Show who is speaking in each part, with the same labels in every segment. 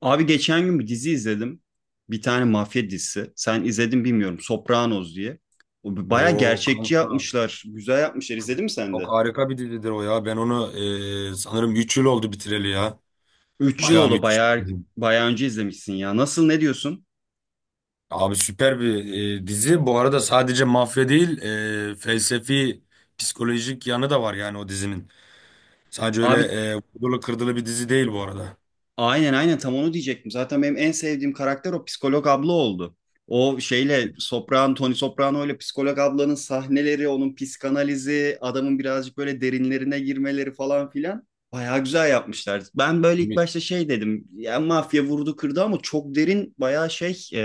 Speaker 1: Abi geçen gün bir dizi izledim. Bir tane mafya dizisi. Sen izledin bilmiyorum. Sopranos diye. O baya
Speaker 2: O
Speaker 1: gerçekçi
Speaker 2: kanka
Speaker 1: yapmışlar. Güzel yapmışlar.
Speaker 2: çok,
Speaker 1: İzledin mi sen
Speaker 2: çok
Speaker 1: de?
Speaker 2: harika bir dizidir o ya. Ben onu sanırım 3 yıl oldu bitireli ya.
Speaker 1: Üç yıl
Speaker 2: Bayağı
Speaker 1: oldu.
Speaker 2: müthiş bir dizi.
Speaker 1: Baya önce izlemişsin ya. Nasıl, ne diyorsun?
Speaker 2: Abi süper bir dizi. Bu arada sadece mafya değil, felsefi, psikolojik yanı da var yani o dizinin. Sadece öyle
Speaker 1: Abi,
Speaker 2: vurdulu kırdılı bir dizi değil bu arada.
Speaker 1: aynen aynen, tam onu diyecektim. Zaten benim en sevdiğim karakter o psikolog abla oldu. O şeyle Sopran, Tony Soprano ile psikolog ablanın sahneleri, onun psikanalizi, adamın birazcık böyle derinlerine girmeleri falan filan. Bayağı güzel yapmışlar. Ben böyle ilk başta şey dedim. Ya mafya vurdu kırdı ama çok derin, bayağı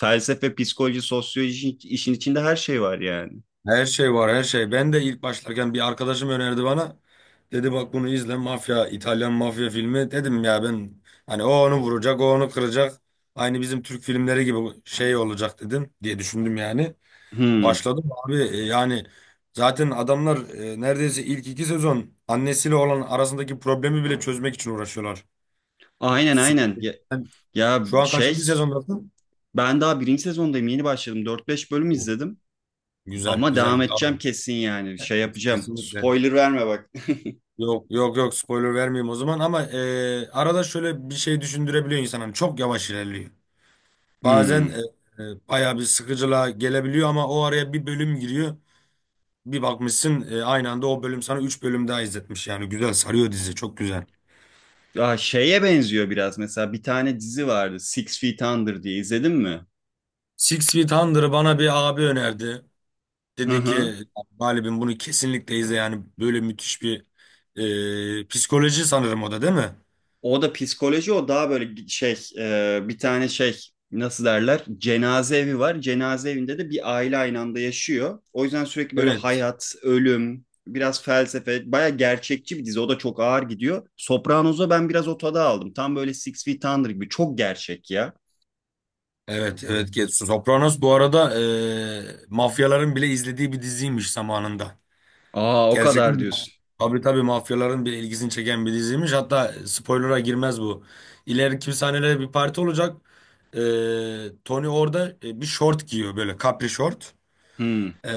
Speaker 1: felsefe, psikoloji, sosyoloji, işin içinde her şey var yani.
Speaker 2: Her şey var her şey. Ben de ilk başlarken bir arkadaşım önerdi bana. Dedi bak bunu izle, mafya, İtalyan mafya filmi. Dedim ya ben hani o onu vuracak, o onu kıracak. Aynı bizim Türk filmleri gibi şey olacak dedim diye düşündüm yani.
Speaker 1: Hmm.
Speaker 2: Başladım abi, yani zaten adamlar neredeyse ilk 2 sezon annesiyle olan arasındaki problemi bile çözmek için uğraşıyorlar.
Speaker 1: Aynen aynen.
Speaker 2: Süper.
Speaker 1: Ya,
Speaker 2: Sen
Speaker 1: ya
Speaker 2: şu an
Speaker 1: şey,
Speaker 2: kaçıncı sezondasın?
Speaker 1: ben daha birinci sezondayım, yeni başladım. Dört beş bölüm
Speaker 2: Oo,
Speaker 1: izledim.
Speaker 2: güzel
Speaker 1: Ama
Speaker 2: güzel
Speaker 1: devam edeceğim
Speaker 2: devam.
Speaker 1: kesin yani. Şey
Speaker 2: Et,
Speaker 1: yapacağım.
Speaker 2: kesinlikle.
Speaker 1: Spoiler verme bak.
Speaker 2: Yok, yok, yok, spoiler vermeyeyim o zaman, ama arada şöyle bir şey düşündürebiliyor. İnsanın çok yavaş ilerliyor. Bazen
Speaker 1: Hmm.
Speaker 2: bayağı bir sıkıcılığa gelebiliyor, ama o araya bir bölüm giriyor. Bir bakmışsın aynı anda o bölüm sana 3 bölüm daha izletmiş. Yani güzel sarıyor dizi, çok güzel.
Speaker 1: Ya şeye benziyor biraz. Mesela bir tane dizi vardı. Six Feet Under diye, izledin mi?
Speaker 2: Six Feet Under'ı bana bir abi önerdi.
Speaker 1: Hı
Speaker 2: Dedi
Speaker 1: hı.
Speaker 2: ki galibim bunu kesinlikle izle, yani böyle müthiş bir psikoloji, sanırım o da, değil mi?
Speaker 1: O da psikoloji. O daha böyle bir tane şey, nasıl derler? Cenaze evi var. Cenaze evinde de bir aile aynı anda yaşıyor. O yüzden sürekli böyle
Speaker 2: Evet.
Speaker 1: hayat, ölüm, biraz felsefe, baya gerçekçi bir dizi. O da çok ağır gidiyor. Sopranos'a ben biraz o tadı aldım. Tam böyle Six Feet Under gibi. Çok gerçek ya.
Speaker 2: Evet, evet Getsu. Sopranos bu arada mafyaların bile izlediği bir diziymiş zamanında.
Speaker 1: Aa, o
Speaker 2: Gerçekten
Speaker 1: kadar
Speaker 2: mi?
Speaker 1: diyorsun.
Speaker 2: Tabii, tabii, mafyaların bile ilgisini çeken bir diziymiş. Hatta spoiler'a girmez bu. İleriki sahnelerde bir parti olacak. E, Tony orada bir şort giyiyor, böyle capri şort.
Speaker 1: Hmm.
Speaker 2: E, e,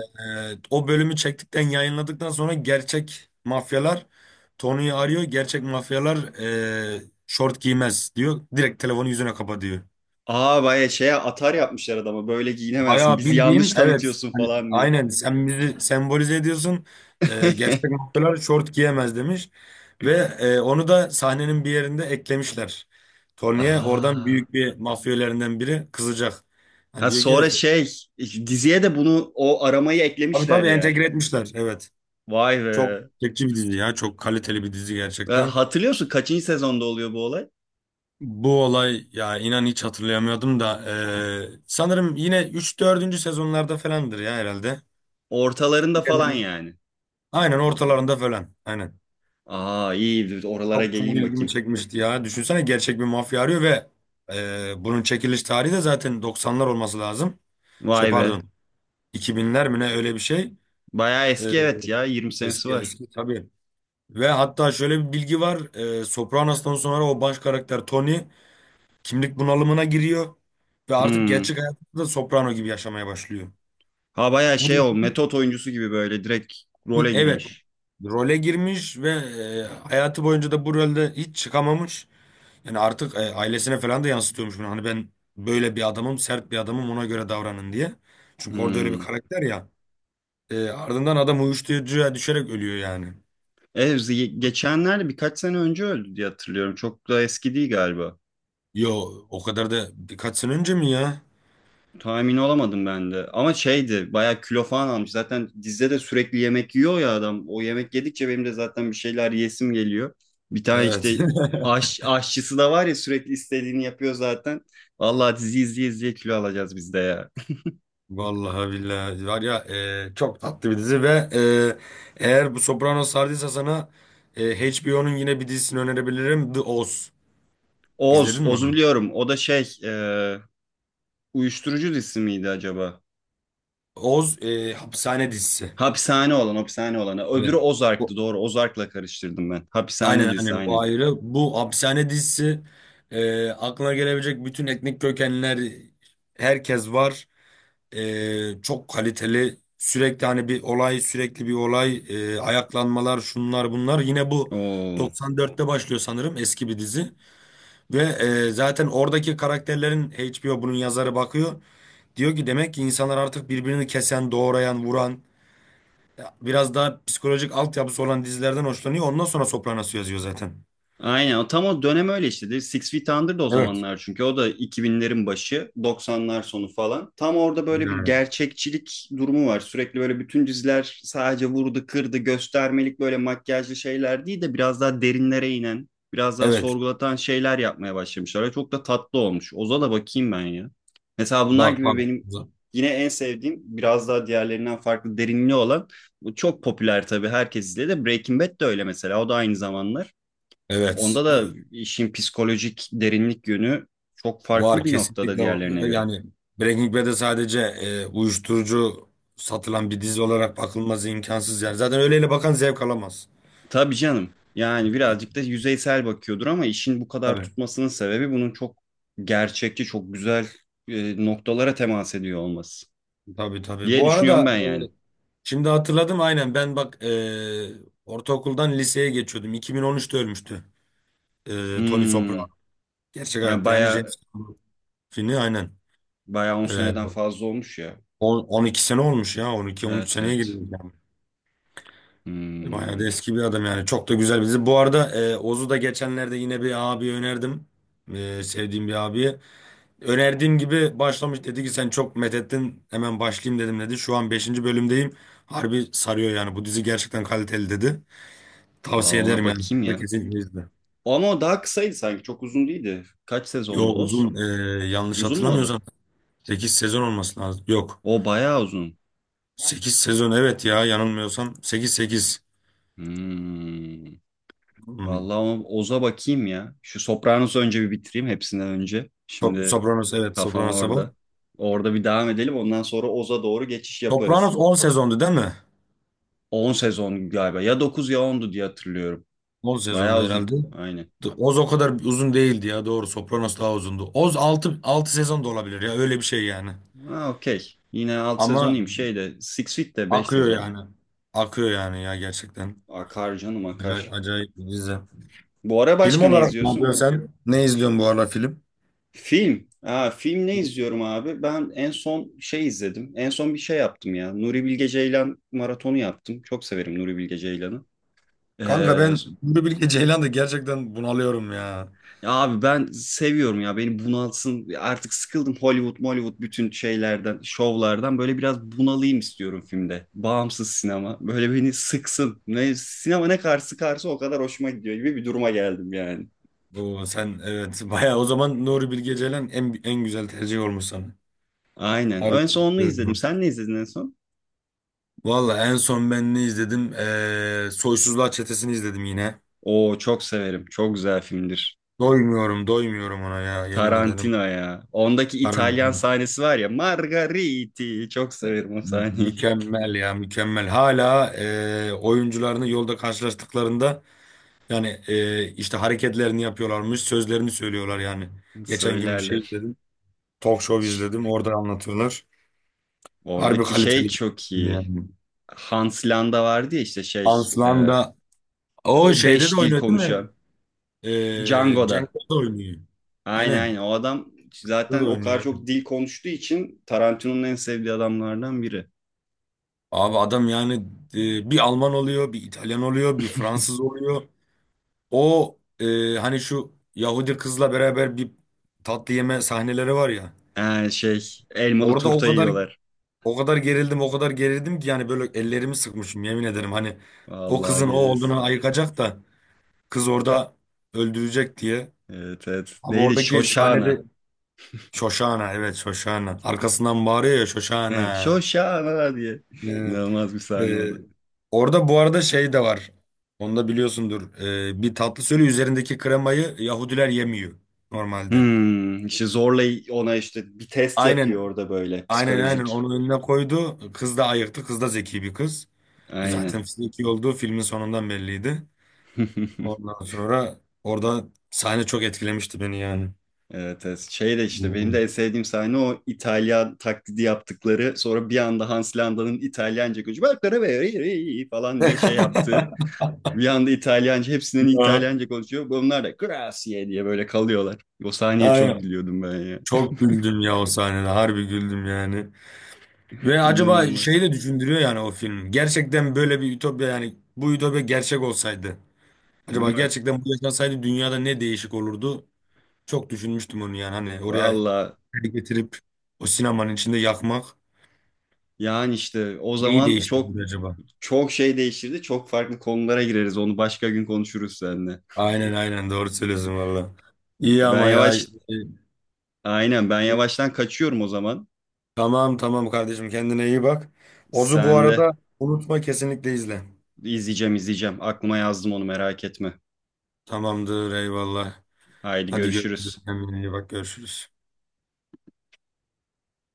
Speaker 2: o bölümü çektikten, yayınladıktan sonra gerçek mafyalar Tony'yi arıyor. Gerçek mafyalar e, şort giymez diyor. Direkt telefonu yüzüne kapa diyor.
Speaker 1: Aa, bayağı şeye, atar yapmışlar adama. Böyle giyinemezsin.
Speaker 2: Bayağı
Speaker 1: Bizi yanlış
Speaker 2: bildiğin, evet,
Speaker 1: tanıtıyorsun
Speaker 2: hani
Speaker 1: falan diye.
Speaker 2: aynen sen bizi sembolize ediyorsun. Gerçek mafyalar şort giyemez demiş. Ve onu da sahnenin bir yerinde eklemişler. Tony'ye oradan
Speaker 1: Aa.
Speaker 2: büyük bir mafyalerinden biri kızacak. Hani
Speaker 1: Ha
Speaker 2: diyor ki,
Speaker 1: sonra şey, işte diziye de bunu, o aramayı
Speaker 2: tabii
Speaker 1: eklemişler
Speaker 2: tabii
Speaker 1: yani.
Speaker 2: entegre etmişler. Evet.
Speaker 1: Vay
Speaker 2: Çok
Speaker 1: be.
Speaker 2: çekici bir dizi ya. Çok kaliteli bir dizi
Speaker 1: Ve
Speaker 2: gerçekten.
Speaker 1: hatırlıyorsun, kaçıncı sezonda oluyor bu olay?
Speaker 2: Bu olay, ya inan hiç hatırlayamıyordum da sanırım yine üç dördüncü sezonlarda falandır ya herhalde.
Speaker 1: Ortalarında falan
Speaker 2: Evet.
Speaker 1: yani.
Speaker 2: Aynen ortalarında falan. Aynen.
Speaker 1: Aa, iyi, oralara
Speaker 2: Çok çok
Speaker 1: geleyim
Speaker 2: ilgimi
Speaker 1: bakayım.
Speaker 2: çekmişti ya. Düşünsene, gerçek bir mafya arıyor. Ve bunun çekiliş tarihi de zaten 90'lar olması lazım. Şey,
Speaker 1: Vay be.
Speaker 2: pardon, 2000'ler mi, ne, öyle bir şey.
Speaker 1: Bayağı
Speaker 2: E,
Speaker 1: eski, evet ya, 20 senesi
Speaker 2: Eski,
Speaker 1: var.
Speaker 2: eski tabii. Ve hatta şöyle bir bilgi var. Sopranos'tan sonra o baş karakter Tony kimlik bunalımına giriyor. Ve artık
Speaker 1: Hmm.
Speaker 2: gerçek hayatında da Soprano gibi yaşamaya başlıyor.
Speaker 1: Ha bayağı
Speaker 2: Bu
Speaker 1: şey, o
Speaker 2: da,
Speaker 1: metot oyuncusu gibi böyle direkt role
Speaker 2: evet,
Speaker 1: girmiş.
Speaker 2: role girmiş. Ve e, hayatı boyunca da bu rolde hiç çıkamamış. Yani artık ailesine falan da yansıtıyormuş bunu. Hani, ben böyle bir adamım, sert bir adamım, ona göre davranın diye. Çünkü orada öyle bir
Speaker 1: Hmm.
Speaker 2: karakter ya. Ardından adam uyuşturucuya düşerek ölüyor yani.
Speaker 1: Evet, geçenlerde, birkaç sene önce öldü diye hatırlıyorum. Çok da eski değil galiba.
Speaker 2: Yo, o kadar da birkaç sene önce mi ya?
Speaker 1: Tahmin olamadım ben de. Ama şeydi, bayağı kilo falan almış. Zaten dizide de sürekli yemek yiyor ya adam. O yemek yedikçe benim de zaten bir şeyler yesim geliyor. Bir tane
Speaker 2: Evet.
Speaker 1: işte aşçısı da var ya, sürekli istediğini yapıyor zaten. Vallahi dizi izleye izleye kilo alacağız biz de ya.
Speaker 2: Vallahi billahi var ya, çok tatlı bir dizi. Ve eğer bu Sopranos sardıysa sana, HBO'nun yine bir dizisini önerebilirim. The Oz.
Speaker 1: Oz,
Speaker 2: İzledin mi
Speaker 1: Oz'u
Speaker 2: onu?
Speaker 1: biliyorum. O da uyuşturucu dizisi miydi acaba?
Speaker 2: Oz hapishane dizisi.
Speaker 1: Hapishane olan, hapishane olanı. Öbürü
Speaker 2: Evet.
Speaker 1: Ozark'tı, doğru. Ozark'la karıştırdım ben. Hapishane
Speaker 2: Aynen,
Speaker 1: dizisi,
Speaker 2: aynen, o
Speaker 1: aynen.
Speaker 2: ayrı. Bu hapishane dizisi, aklına gelebilecek bütün etnik kökenler, herkes var. Çok kaliteli. Sürekli hani bir olay, sürekli bir olay, ayaklanmalar, şunlar, bunlar. Yine bu
Speaker 1: Oo.
Speaker 2: 94'te başlıyor sanırım, eski bir dizi. Ve zaten oradaki karakterlerin, HBO bunun yazarı bakıyor. Diyor ki, demek ki insanlar artık birbirini kesen, doğrayan, vuran, biraz daha psikolojik altyapısı olan dizilerden hoşlanıyor. Ondan sonra Sopranos'u yazıyor zaten.
Speaker 1: Aynen, o tam o dönem öyle işte, değil mi? Six Feet Under Under'da o
Speaker 2: Evet.
Speaker 1: zamanlar, çünkü o da 2000'lerin başı, 90'lar sonu falan. Tam orada böyle bir
Speaker 2: Ha,
Speaker 1: gerçekçilik durumu var. Sürekli böyle bütün diziler sadece vurdu, kırdı, göstermelik böyle makyajlı şeyler değil de biraz daha derinlere inen, biraz daha
Speaker 2: evet.
Speaker 1: sorgulatan şeyler yapmaya başlamışlar. Ve çok da tatlı olmuş. Oza da bakayım ben ya. Mesela bunlar
Speaker 2: Bak,
Speaker 1: gibi
Speaker 2: bak.
Speaker 1: benim
Speaker 2: Evet.
Speaker 1: yine en sevdiğim, biraz daha diğerlerinden farklı derinliği olan, bu çok popüler tabii, herkes izledi. De Breaking Bad de öyle mesela. O da aynı zamanlar.
Speaker 2: Evet.
Speaker 1: Onda da işin psikolojik derinlik yönü çok farklı
Speaker 2: Var,
Speaker 1: bir noktada
Speaker 2: kesinlikle
Speaker 1: diğerlerine
Speaker 2: var.
Speaker 1: göre.
Speaker 2: Yani Breaking Bad'e sadece uyuşturucu satılan bir dizi olarak bakılması imkansız yani. Zaten öyleyle bakan zevk alamaz.
Speaker 1: Tabii canım. Yani birazcık da yüzeysel bakıyordur, ama işin bu kadar
Speaker 2: Tabii.
Speaker 1: tutmasının sebebi bunun çok gerçekçi, çok güzel noktalara temas ediyor olması
Speaker 2: Tabii, tabii.
Speaker 1: diye
Speaker 2: Bu arada
Speaker 1: düşünüyorum ben yani.
Speaker 2: şimdi hatırladım. Aynen, ben bak, ortaokuldan liseye geçiyordum. 2013'te ölmüştü. Tony
Speaker 1: Hmm.
Speaker 2: Soprano. Gerçek
Speaker 1: Ha,
Speaker 2: hayatta yani
Speaker 1: baya
Speaker 2: James Cameron filmi aynen.
Speaker 1: baya 10
Speaker 2: E,
Speaker 1: seneden fazla olmuş ya.
Speaker 2: 12 sene olmuş ya, 12-13
Speaker 1: Evet
Speaker 2: seneye
Speaker 1: evet.
Speaker 2: geliyor. Bayağı da
Speaker 1: Hmm.
Speaker 2: eski bir adam yani. Çok da güzel bizi. Bu arada Oz'u da geçenlerde yine bir abiye önerdim. Sevdiğim bir abiye. Önerdiğim gibi başlamış. Dedi ki, sen çok methettin, hemen başlayayım dedim, dedi. Şu an beşinci bölümdeyim. Harbi sarıyor yani. Bu dizi gerçekten kaliteli, dedi.
Speaker 1: Aa,
Speaker 2: Tavsiye
Speaker 1: ona
Speaker 2: ederim yani.
Speaker 1: bakayım
Speaker 2: Sen de
Speaker 1: ya.
Speaker 2: kesinlikle izle.
Speaker 1: Ama o daha kısaydı sanki. Çok uzun değildi. Kaç
Speaker 2: Yo,
Speaker 1: sezondu Oz?
Speaker 2: uzun. Yanlış
Speaker 1: Uzun mu o da?
Speaker 2: hatırlamıyorsam 8 sezon olması lazım. Yok.
Speaker 1: O bayağı uzun.
Speaker 2: 8 sezon, evet ya, yanılmıyorsam. Sekiz, sekiz.
Speaker 1: Hmm.
Speaker 2: Hmm.
Speaker 1: Vallahi, ama Oz'a bakayım ya. Şu Sopranos'u önce bir bitireyim hepsinden önce. Şimdi
Speaker 2: Sopranos, evet,
Speaker 1: kafam
Speaker 2: Sopranos'a bak.
Speaker 1: orada. Orada bir devam edelim. Ondan sonra Oz'a doğru geçiş
Speaker 2: Sopranos
Speaker 1: yaparız.
Speaker 2: 10 sezondu, değil mi?
Speaker 1: 10 sezon galiba. Ya 9 ya ondu diye hatırlıyorum.
Speaker 2: On
Speaker 1: Bayağı
Speaker 2: sezonda
Speaker 1: uzun.
Speaker 2: herhalde.
Speaker 1: Aynen.
Speaker 2: Oz o kadar uzun değildi ya, doğru. Sopranos daha uzundu. Oz altı, 6 sezon da olabilir ya, öyle bir şey yani.
Speaker 1: Ha, okey. Yine 6.
Speaker 2: Ama
Speaker 1: sezonuyum. Şeyde Six Feet de 5
Speaker 2: akıyor
Speaker 1: sezon.
Speaker 2: yani. Akıyor yani, ya gerçekten.
Speaker 1: Akar canım,
Speaker 2: Acayip,
Speaker 1: akar.
Speaker 2: acayip bir dizi.
Speaker 1: Bu ara
Speaker 2: Film
Speaker 1: başka ne
Speaker 2: olarak ne
Speaker 1: izliyorsun?
Speaker 2: yapıyorsun sen? Ne izliyorsun bu ara, film?
Speaker 1: Film. Aa, film ne izliyorum abi? Ben en son şey izledim. En son bir şey yaptım ya. Nuri Bilge Ceylan maratonu yaptım. Çok severim Nuri Bilge Ceylan'ı.
Speaker 2: Kanka,
Speaker 1: Ee,
Speaker 2: ben Nuri Bilge Ceylan'da gerçekten bunalıyorum ya.
Speaker 1: ya abi ben seviyorum ya. Beni bunalsın. Artık sıkıldım Hollywood, Hollywood, bütün şeylerden, şovlardan. Böyle biraz bunalayım istiyorum filmde. Bağımsız sinema. Böyle beni sıksın. Ne, sinema ne kadar sıkarsa o kadar hoşuma gidiyor gibi bir duruma geldim yani.
Speaker 2: Oo, sen, evet bayağı o zaman. Nuri Bilge Ceylan en en güzel tercih olmuş sana.
Speaker 1: Aynen. En
Speaker 2: Harbi.
Speaker 1: son onu izledim. Sen ne izledin en son?
Speaker 2: Valla en son ben ne izledim? Soysuzlar Çetesi'ni izledim yine.
Speaker 1: Oo, çok severim. Çok güzel filmdir.
Speaker 2: Doymuyorum, doymuyorum ona ya, yemin ederim.
Speaker 1: Tarantino ya. Ondaki İtalyan
Speaker 2: Tarantino.
Speaker 1: sahnesi var ya. Margariti. Çok severim o sahneyi.
Speaker 2: Mükemmel ya, mükemmel. Hala oyuncularını yolda karşılaştıklarında yani işte hareketlerini yapıyorlarmış, sözlerini söylüyorlar yani. Geçen gün bir şey
Speaker 1: Söylerler.
Speaker 2: izledim. Talk show
Speaker 1: Ş-
Speaker 2: izledim, orada anlatıyorlar. Harbi
Speaker 1: Oradaki şey
Speaker 2: kaliteli.
Speaker 1: çok iyi.
Speaker 2: Yani.
Speaker 1: Hans Landa vardı ya işte şey.
Speaker 2: Aslan
Speaker 1: e,
Speaker 2: da o
Speaker 1: O
Speaker 2: şeyde de
Speaker 1: beş dil
Speaker 2: oynuyor, değil mi?
Speaker 1: konuşan. Django'da.
Speaker 2: Cenk'te de oynuyor.
Speaker 1: Aynen aynen.
Speaker 2: Aynen.
Speaker 1: O adam
Speaker 2: Cenk'te de
Speaker 1: zaten o kadar
Speaker 2: oynuyor.
Speaker 1: çok dil konuştuğu için Tarantino'nun en sevdiği adamlardan biri.
Speaker 2: Abi adam yani, bir Alman oluyor, bir İtalyan oluyor, bir Fransız oluyor. O hani şu Yahudi kızla beraber bir tatlı yeme sahneleri var ya.
Speaker 1: Yani şey, elmalı
Speaker 2: Orada o
Speaker 1: turta
Speaker 2: kadar,
Speaker 1: yiyorlar.
Speaker 2: o kadar gerildim, o kadar gerildim ki, yani böyle ellerimi sıkmışım yemin ederim. Hani o
Speaker 1: Vallahi
Speaker 2: kızın o
Speaker 1: geliriz.
Speaker 2: olduğunu ayıkacak da, kız orada öldürecek diye.
Speaker 1: Evet evet.
Speaker 2: Abi
Speaker 1: Neydi?
Speaker 2: oradaki sahnede,
Speaker 1: Shoshana.
Speaker 2: Şoşana, evet, Şoşana. Arkasından bağırıyor ya,
Speaker 1: He,
Speaker 2: Şoşana.
Speaker 1: Şoşana diye.
Speaker 2: Ee,
Speaker 1: İnanılmaz bir sahne o
Speaker 2: e,
Speaker 1: da.
Speaker 2: orada bu arada şey de var. Onu da biliyorsundur. Bir tatlı, söyle, üzerindeki kremayı Yahudiler yemiyor normalde.
Speaker 1: Hmm, işte zorla ona işte bir test yapıyor
Speaker 2: Aynen.
Speaker 1: orada böyle
Speaker 2: Aynen, aynen,
Speaker 1: psikolojik.
Speaker 2: onu önüne koydu. Kız da ayıktı. Kız da zeki bir kız.
Speaker 1: Aynen.
Speaker 2: Zaten zeki olduğu filmin sonundan belliydi. Ondan sonra orada sahne çok etkilemişti beni yani.
Speaker 1: Evet, evet. Şey de işte benim de
Speaker 2: Hmm.
Speaker 1: en sevdiğim sahne o İtalyan taklidi yaptıkları, sonra bir anda Hans Landa'nın İtalyanca konuşuyor, "Bak, re, re, re" falan diye şey yaptığı. Bir anda İtalyanca, hepsinin
Speaker 2: Ya,
Speaker 1: İtalyanca konuşuyor. Bunlar da grazie diye böyle kalıyorlar. O sahneye çok
Speaker 2: aynen.
Speaker 1: gülüyordum ben ya.
Speaker 2: Çok güldüm ya o sahnede. Harbi güldüm yani. Ve acaba
Speaker 1: İnanılmaz.
Speaker 2: şeyi de düşündürüyor yani o film. Gerçekten böyle bir ütopya, yani bu ütopya gerçek olsaydı.
Speaker 1: Değil
Speaker 2: Acaba
Speaker 1: mi?
Speaker 2: gerçekten bu yaşansaydı, dünyada ne değişik olurdu? Çok düşünmüştüm onu yani. Hani oraya
Speaker 1: Valla,
Speaker 2: getirip o sinemanın içinde yakmak.
Speaker 1: yani işte o
Speaker 2: Neyi
Speaker 1: zaman
Speaker 2: değiştirir acaba?
Speaker 1: çok şey değişirdi. Çok farklı konulara gireriz. Onu başka gün konuşuruz seninle.
Speaker 2: Aynen, aynen, doğru söylüyorsun valla. İyi
Speaker 1: Ben
Speaker 2: ama ya.
Speaker 1: yavaş Aynen, ben yavaştan kaçıyorum o zaman.
Speaker 2: Tamam, tamam kardeşim, kendine iyi bak. Ozu bu
Speaker 1: Sen de
Speaker 2: arada unutma, kesinlikle izle.
Speaker 1: izleyeceğim, izleyeceğim. Aklıma yazdım onu, merak etme.
Speaker 2: Tamamdır, eyvallah.
Speaker 1: Haydi
Speaker 2: Hadi görüşürüz,
Speaker 1: görüşürüz.
Speaker 2: kendine iyi bak, görüşürüz.